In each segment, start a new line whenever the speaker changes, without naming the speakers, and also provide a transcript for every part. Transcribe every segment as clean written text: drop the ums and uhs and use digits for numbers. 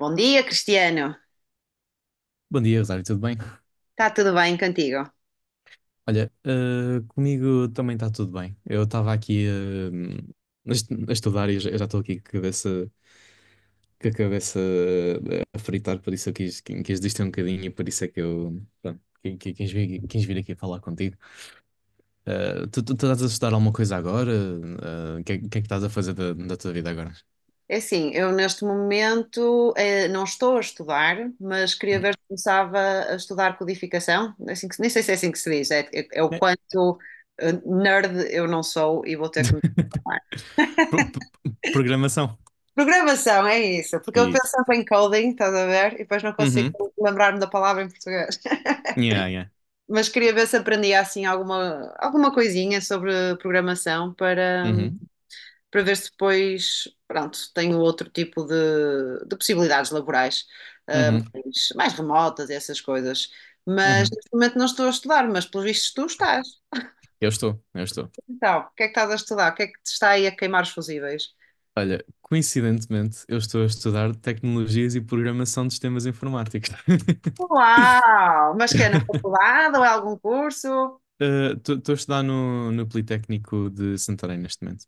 Bom dia, Cristiano.
Bom dia, Rosário, tudo bem?
Está tudo bem contigo?
Olha, comigo também está tudo bem. Eu estava aqui a estudar e eu já estou aqui com a cabeça, com a cabeça, a fritar, por isso eu quis distrair um bocadinho e por isso é que eu, pronto, quis vir aqui falar contigo. Tu estás a estudar alguma coisa agora? O que é que estás a fazer da tua vida agora?
É assim, eu neste momento não estou a estudar, mas queria
Uhum.
ver se começava a estudar codificação. Nem sei se é assim que se diz, é o
É.
quanto nerd eu não sou e vou ter que me transformar.
Pro- pro- Programação.
Programação, é isso, porque eu
Isso.
pensava em coding, estás a ver, e depois não consigo
Uhum.
lembrar-me da palavra em português.
Yeah, yeah.
Mas queria ver se aprendia assim alguma coisinha sobre programação para.
Uhum.
Para ver se depois, pronto, tenho outro tipo de possibilidades laborais, ah,
Uhum.
mais remotas, e essas coisas. Mas
Uhum.
neste momento não estou a estudar, mas pelos vistos tu estás.
Eu estou, eu estou.
Então, o que é que estás a estudar? O que é que te está aí a queimar os fusíveis?
Olha, coincidentemente, eu estou a estudar tecnologias e programação de sistemas informáticos.
Uau! Mas que é na faculdade ou é algum curso?
Estou a estudar no Politécnico de Santarém neste momento.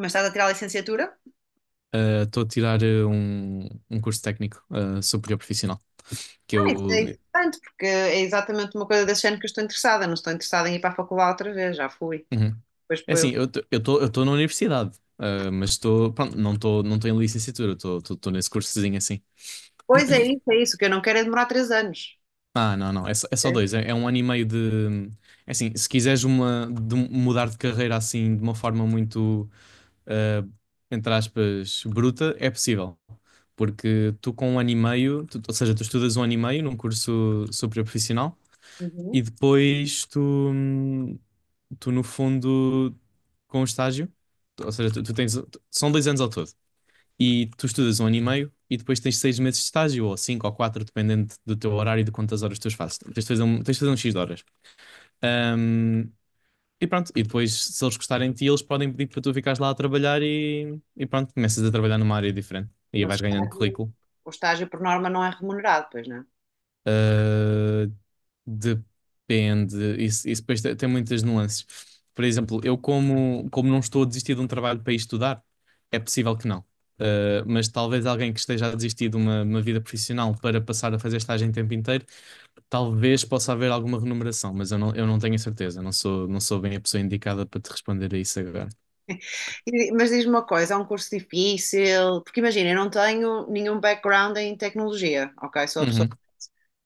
Mas estás a tirar a licenciatura?
Estou a tirar um curso técnico superior profissional, que
Ah, isso
eu...
é interessante, porque é exatamente uma coisa desse género que eu estou interessada. Não estou interessada em ir para a faculdade outra vez, já fui.
Uhum.
Pois,
É assim,
pois
eu estou na universidade, mas estou... Pronto, não tô em licenciatura, estou nesse cursozinho assim.
pois é isso, é isso. O que eu não quero é demorar 3 anos.
Ah, não, não, é só dois, é um ano e meio de... É assim, se quiseres de mudar de carreira assim de uma forma muito ah, entre aspas, bruta, é possível. Porque tu com um ano e meio, ou seja, tu estudas um ano e meio num curso superior profissional
É?
e depois hum, tu no fundo, com o estágio, ou seja, são 2 anos ao todo e tu estudas um ano e meio e depois tens 6 meses de estágio ou cinco ou quatro, dependendo do teu horário e de quantas horas tu fazes. Tens de fazer um X de horas. Hum, e pronto, e depois, se eles gostarem de ti, eles podem pedir para tu ficares lá a trabalhar e pronto, começas a trabalhar numa área diferente e aí
Mas
vais ganhando currículo.
o estágio, por norma não é remunerado, pois não?
Ah, depende, isso depois tem muitas nuances. Por exemplo, eu, como não estou a desistir de um trabalho para ir estudar, é possível que não. Ah, mas talvez alguém que esteja a desistir de uma vida profissional para passar a fazer estágio em tempo inteiro, talvez possa haver alguma remuneração, mas eu não tenho a certeza, não sou bem a pessoa indicada para te responder a isso agora.
Mas diz-me uma coisa, é um curso difícil, porque imagina, eu não tenho nenhum background em tecnologia, ok? Sou a pessoa,
Uhum.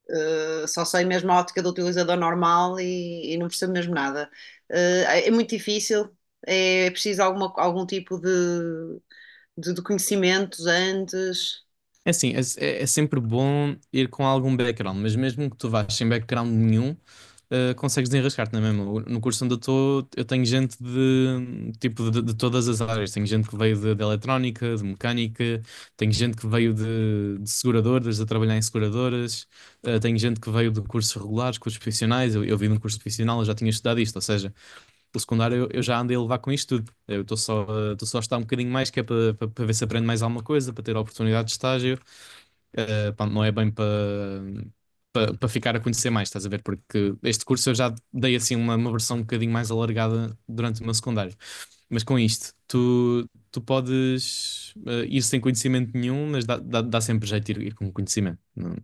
só sei mesmo a ótica do utilizador normal e não percebo mesmo nada. Eh, é muito difícil, é preciso algum tipo de conhecimentos antes.
É assim, é sempre bom ir com algum background, mas mesmo que tu vás sem background nenhum, consegues desenrascar-te na mesma. No curso onde eu estou, eu tenho gente de tipo de, todas as áreas. Tenho gente que veio de, eletrónica, de mecânica, tenho gente que veio de seguradoras, a trabalhar em seguradoras, tenho gente que veio de cursos regulares, cursos profissionais. Eu vim de um curso profissional, eu já tinha estudado isto, ou seja, pelo secundário eu já andei a levar com isto tudo. Eu estou só a estar um bocadinho mais, que é para para ver se aprendo mais alguma coisa, para ter a oportunidade de estágio. Pá, não é bem para para ficar a conhecer mais, estás a ver? Porque este curso eu já dei assim uma versão um bocadinho mais alargada durante o meu secundário. Mas com isto, tu podes ir sem conhecimento nenhum, mas dá sempre jeito ir com conhecimento.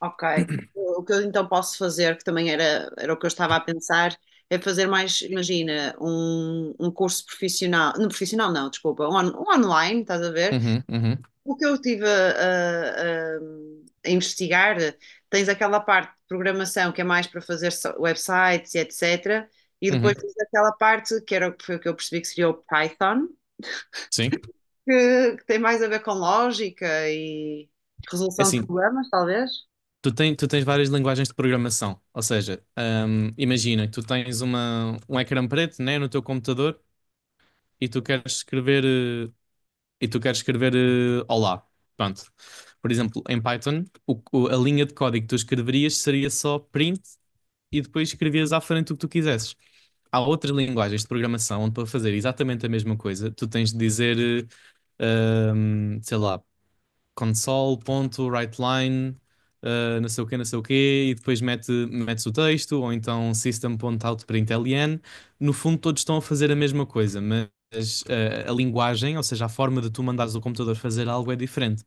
Ok. O que eu então posso fazer, que também era o que eu estava a pensar, é fazer mais, imagina, um curso profissional não, desculpa, um online, estás a ver?
Uhum, uhum,
O que eu estive investigar, tens aquela parte de programação que é mais para fazer websites e etc. E depois
uhum.
tens aquela parte que era, o que foi o que eu percebi que seria o Python,
Sim.
que tem mais a ver com lógica e
É
resolução de
assim,
problemas, talvez.
tu tens várias linguagens de programação, ou seja, imagina que tu tens um ecrã preto, né, no teu computador e tu queres escrever eh, e tu queres escrever eh, olá, pronto. Por exemplo, em Python, a linha de código que tu escreverias seria só print e depois escrevias à frente o que tu quisesses. Há outras linguagens de programação onde para fazer exatamente a mesma coisa, tu tens de dizer, sei lá console.writeline, não sei o quê, não sei o quê, e depois metes o texto, ou então system.out.println. No fundo, todos estão a fazer a mesma coisa, mas a linguagem, ou seja, a forma de tu mandares o computador fazer algo é diferente.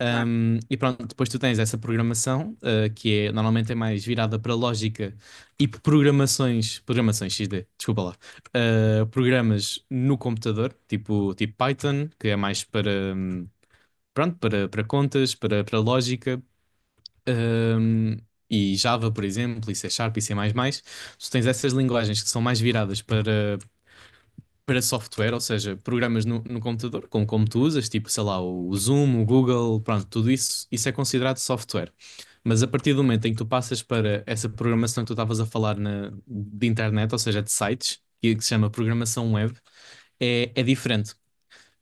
E pronto, depois tu tens essa programação, normalmente é mais virada para lógica e programações XD, desculpa lá, programas no computador, tipo, Python, que é mais para, um, pronto, para, para, contas, para lógica, hum, e Java, por exemplo, e C Sharp e C++, tu tens essas linguagens que são mais viradas para, para software, ou seja, programas no computador, como tu usas, tipo, sei lá, o Zoom, o Google, pronto, tudo isso, isso é considerado software. Mas a partir do momento em que tu passas para essa programação que tu estavas a falar de internet, ou seja, de sites, que se chama programação web, é diferente.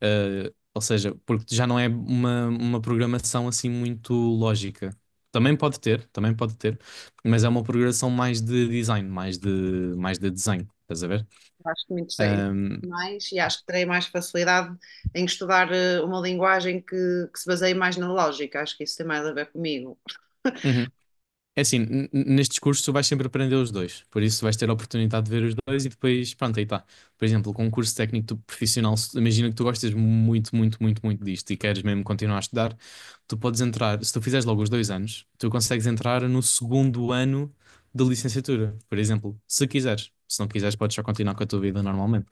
Ou seja, porque já não é uma programação assim muito lógica. Também pode ter, mas é uma programação mais de design, mais de desenho, estás a ver?
Acho que me interessei
Um,
mais e acho que terei mais facilidade em estudar uma linguagem que se baseie mais na lógica. Acho que isso tem mais a ver comigo.
uhum. É assim, nestes cursos tu vais sempre aprender os dois, por isso vais ter a oportunidade de ver os dois e depois, pronto, aí está. Por exemplo, com um curso técnico profissional, imagina que tu gostas muito, muito, muito, muito disto e queres mesmo continuar a estudar, tu podes entrar, se tu fizeres logo os 2 anos, tu consegues entrar no segundo ano da licenciatura, por exemplo, se quiseres. Se não quiseres, podes só continuar com a tua vida normalmente.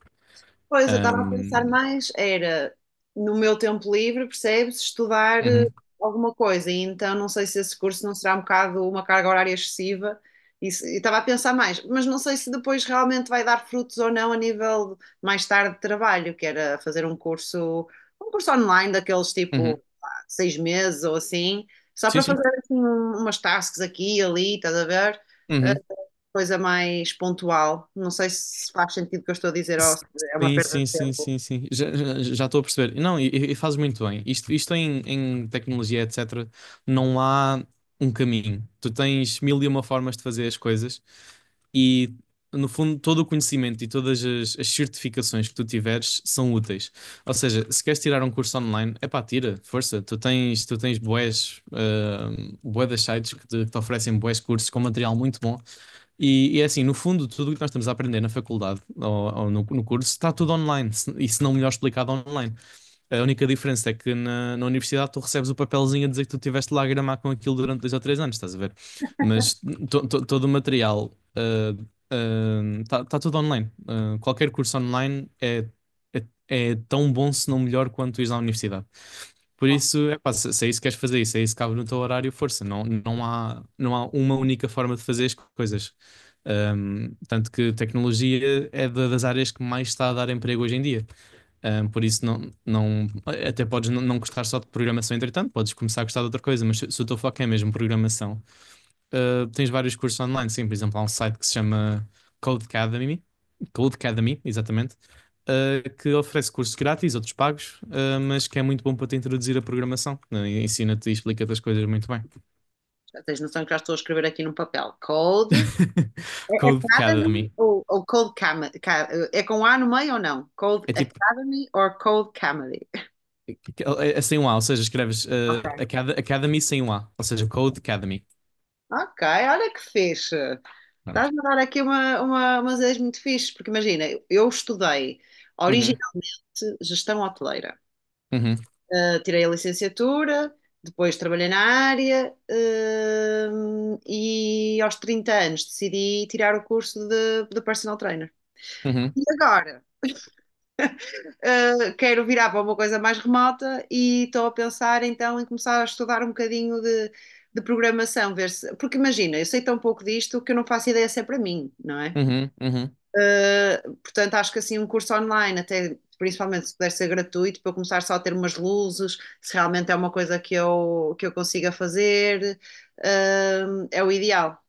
Pois, eu estava a pensar
Ahm,
mais, era no meu tempo livre, percebes, estudar
uhum,
alguma coisa, e então não sei se esse curso não será um bocado uma carga horária excessiva, e se- e estava a pensar mais, mas não sei se depois realmente vai dar frutos ou não a nível de- mais tarde de trabalho, que era fazer um curso online daqueles
uhum.
tipo pá, 6 meses ou assim, só
Sim,
para
sim.
fazer assim umas tasks aqui e ali, estás a ver?
Uhum.
Coisa mais pontual. Não sei se faz sentido o que eu estou a dizer ou se é uma
Sim,
perda
sim,
de
sim,
tempo.
sim, sim. Já, já, já estou a perceber. Não, e fazes muito bem. Isto em tecnologia, etc., não há um caminho. Tu tens mil e uma formas de fazer as coisas e, no fundo, todo o conhecimento e todas as certificações que tu tiveres são úteis. Ou seja, se queres tirar um curso online, epá, tira, força. Tu tens bués, bué das sites que te, oferecem bués cursos com material muito bom e é assim, no fundo, tudo o que nós estamos a aprender na faculdade ou no curso está tudo online, e se não melhor explicado online. A única diferença é que na universidade tu recebes o papelzinho a dizer que tu estiveste lá a gramar com aquilo durante 2 ou 3 anos, estás a ver? Mas todo o material está tudo online. Ah, qualquer curso online é tão bom, se não melhor, quanto ires à universidade. Por
Não,
isso, epá, se é isso que queres fazer, isso é isso que cabe no teu horário, força. Não, não há uma única forma de fazer as coisas. Tanto que tecnologia é das áreas que mais está a dar emprego hoje em dia. Por isso, não, não, até podes não gostar só de programação, entretanto, podes começar a gostar de outra coisa, mas se o teu foco é mesmo programação, tens vários cursos online. Sim, por exemplo, há um site que se chama Codecademy, Codecademy, exatamente, que oferece cursos grátis, outros pagos, mas que é muito bom para te introduzir a programação. Ensina-te e explica-te as coisas muito bem.
já tens noção que já estou a escrever aqui num papel. Cold É Academy
Codecademy.
ou Cold Comedy? É com A no meio ou não? Cold
É tipo
Academy ou Cold Comedy?
É, é sem um A, ou seja, escreves
Ok.
Academy sem um A, ou seja, Code Academy.
Ok, olha que fixe.
Pronto.
Estás-me a dar aqui umas ideias muito fixe, porque imagina, eu estudei
Uhum,
originalmente gestão hoteleira.
uhum,
Tirei a licenciatura, depois trabalhei na área, e aos 30 anos decidi tirar o curso de personal trainer.
uhum,
E agora? Quero virar para uma coisa mais remota e estou a pensar então em começar a estudar um bocadinho de programação, ver se. Porque imagina, eu sei tão pouco disto que eu não faço ideia se é para mim, não é?
uhum, uhum.
Portanto, acho que assim um curso online, até principalmente se puder ser gratuito, para eu começar só a ter umas luzes, se realmente é uma coisa que que eu consiga fazer, é o ideal.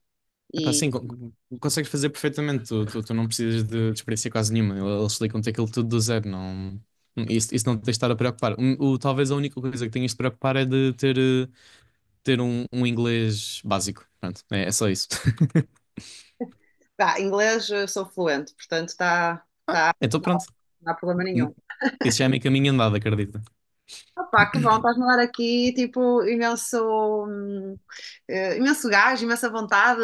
Epá, sim,
E
consegues fazer perfeitamente, tu não precisas de, experiência quase nenhuma, eles explicam-te aquilo tudo do zero, não... Isso não te tens de estar a preocupar. Talvez a única coisa que tenhas de preocupar é de ter, ter um inglês básico. Pronto, é só isso.
pá, inglês eu sou fluente, portanto tá
Ah, então pronto.
não há problema
hum,
nenhum.
Isso já é meio caminho andado, acredita.
Opa, que bom, estás-me a dar aqui tipo imenso, eh, imenso gás, imensa vontade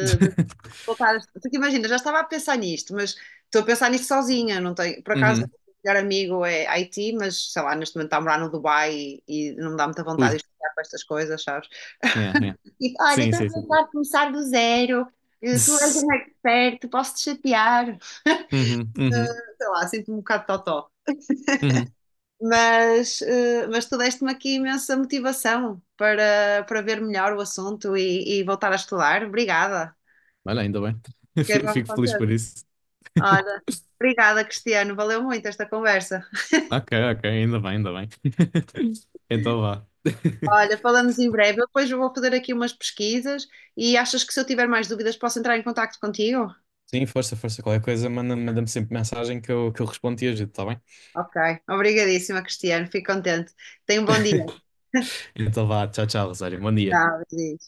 voltar. Porque imagina, já estava a pensar nisto, mas estou a pensar nisto sozinha, não tenho, por acaso, o
Uhum.
meu melhor amigo é Haiti, mas sei lá, neste momento está a morar no Dubai e não me dá muita vontade
Ui,
de estudar para estas coisas, sabes?
yeah, yeah.
E olha,
Sim,
estou a
sim, sim. Sim.
pensar em começar do zero, eh, tu és
Zzz.
um expert, posso-te chatear.
Uhum, uhum,
Sei lá, sinto-me um bocado totó.
uhum.
Mas, eh, mas tu deste-me aqui imensa motivação para ver melhor o assunto e voltar a estudar. Obrigada.
Olha, ainda bem.
Fiquei bem
Fico feliz por
contente.
isso.
Olha, obrigada, Cristiano. Valeu muito esta conversa.
Ok, ok, ainda bem, ainda bem. Então vá.
Olha, falamos em breve. Eu depois vou fazer aqui umas pesquisas e achas que se eu tiver mais dúvidas posso entrar em contacto contigo?
Sim, força, força. Qualquer coisa, manda-me sempre mensagem que eu respondo e ajudo, tá bem?
Ok, obrigadíssima, Cristiano. Fico contente. Tenha um bom dia.
Então vá, tchau, tchau, Rosário. Bom dia.
Tchau, beijinho.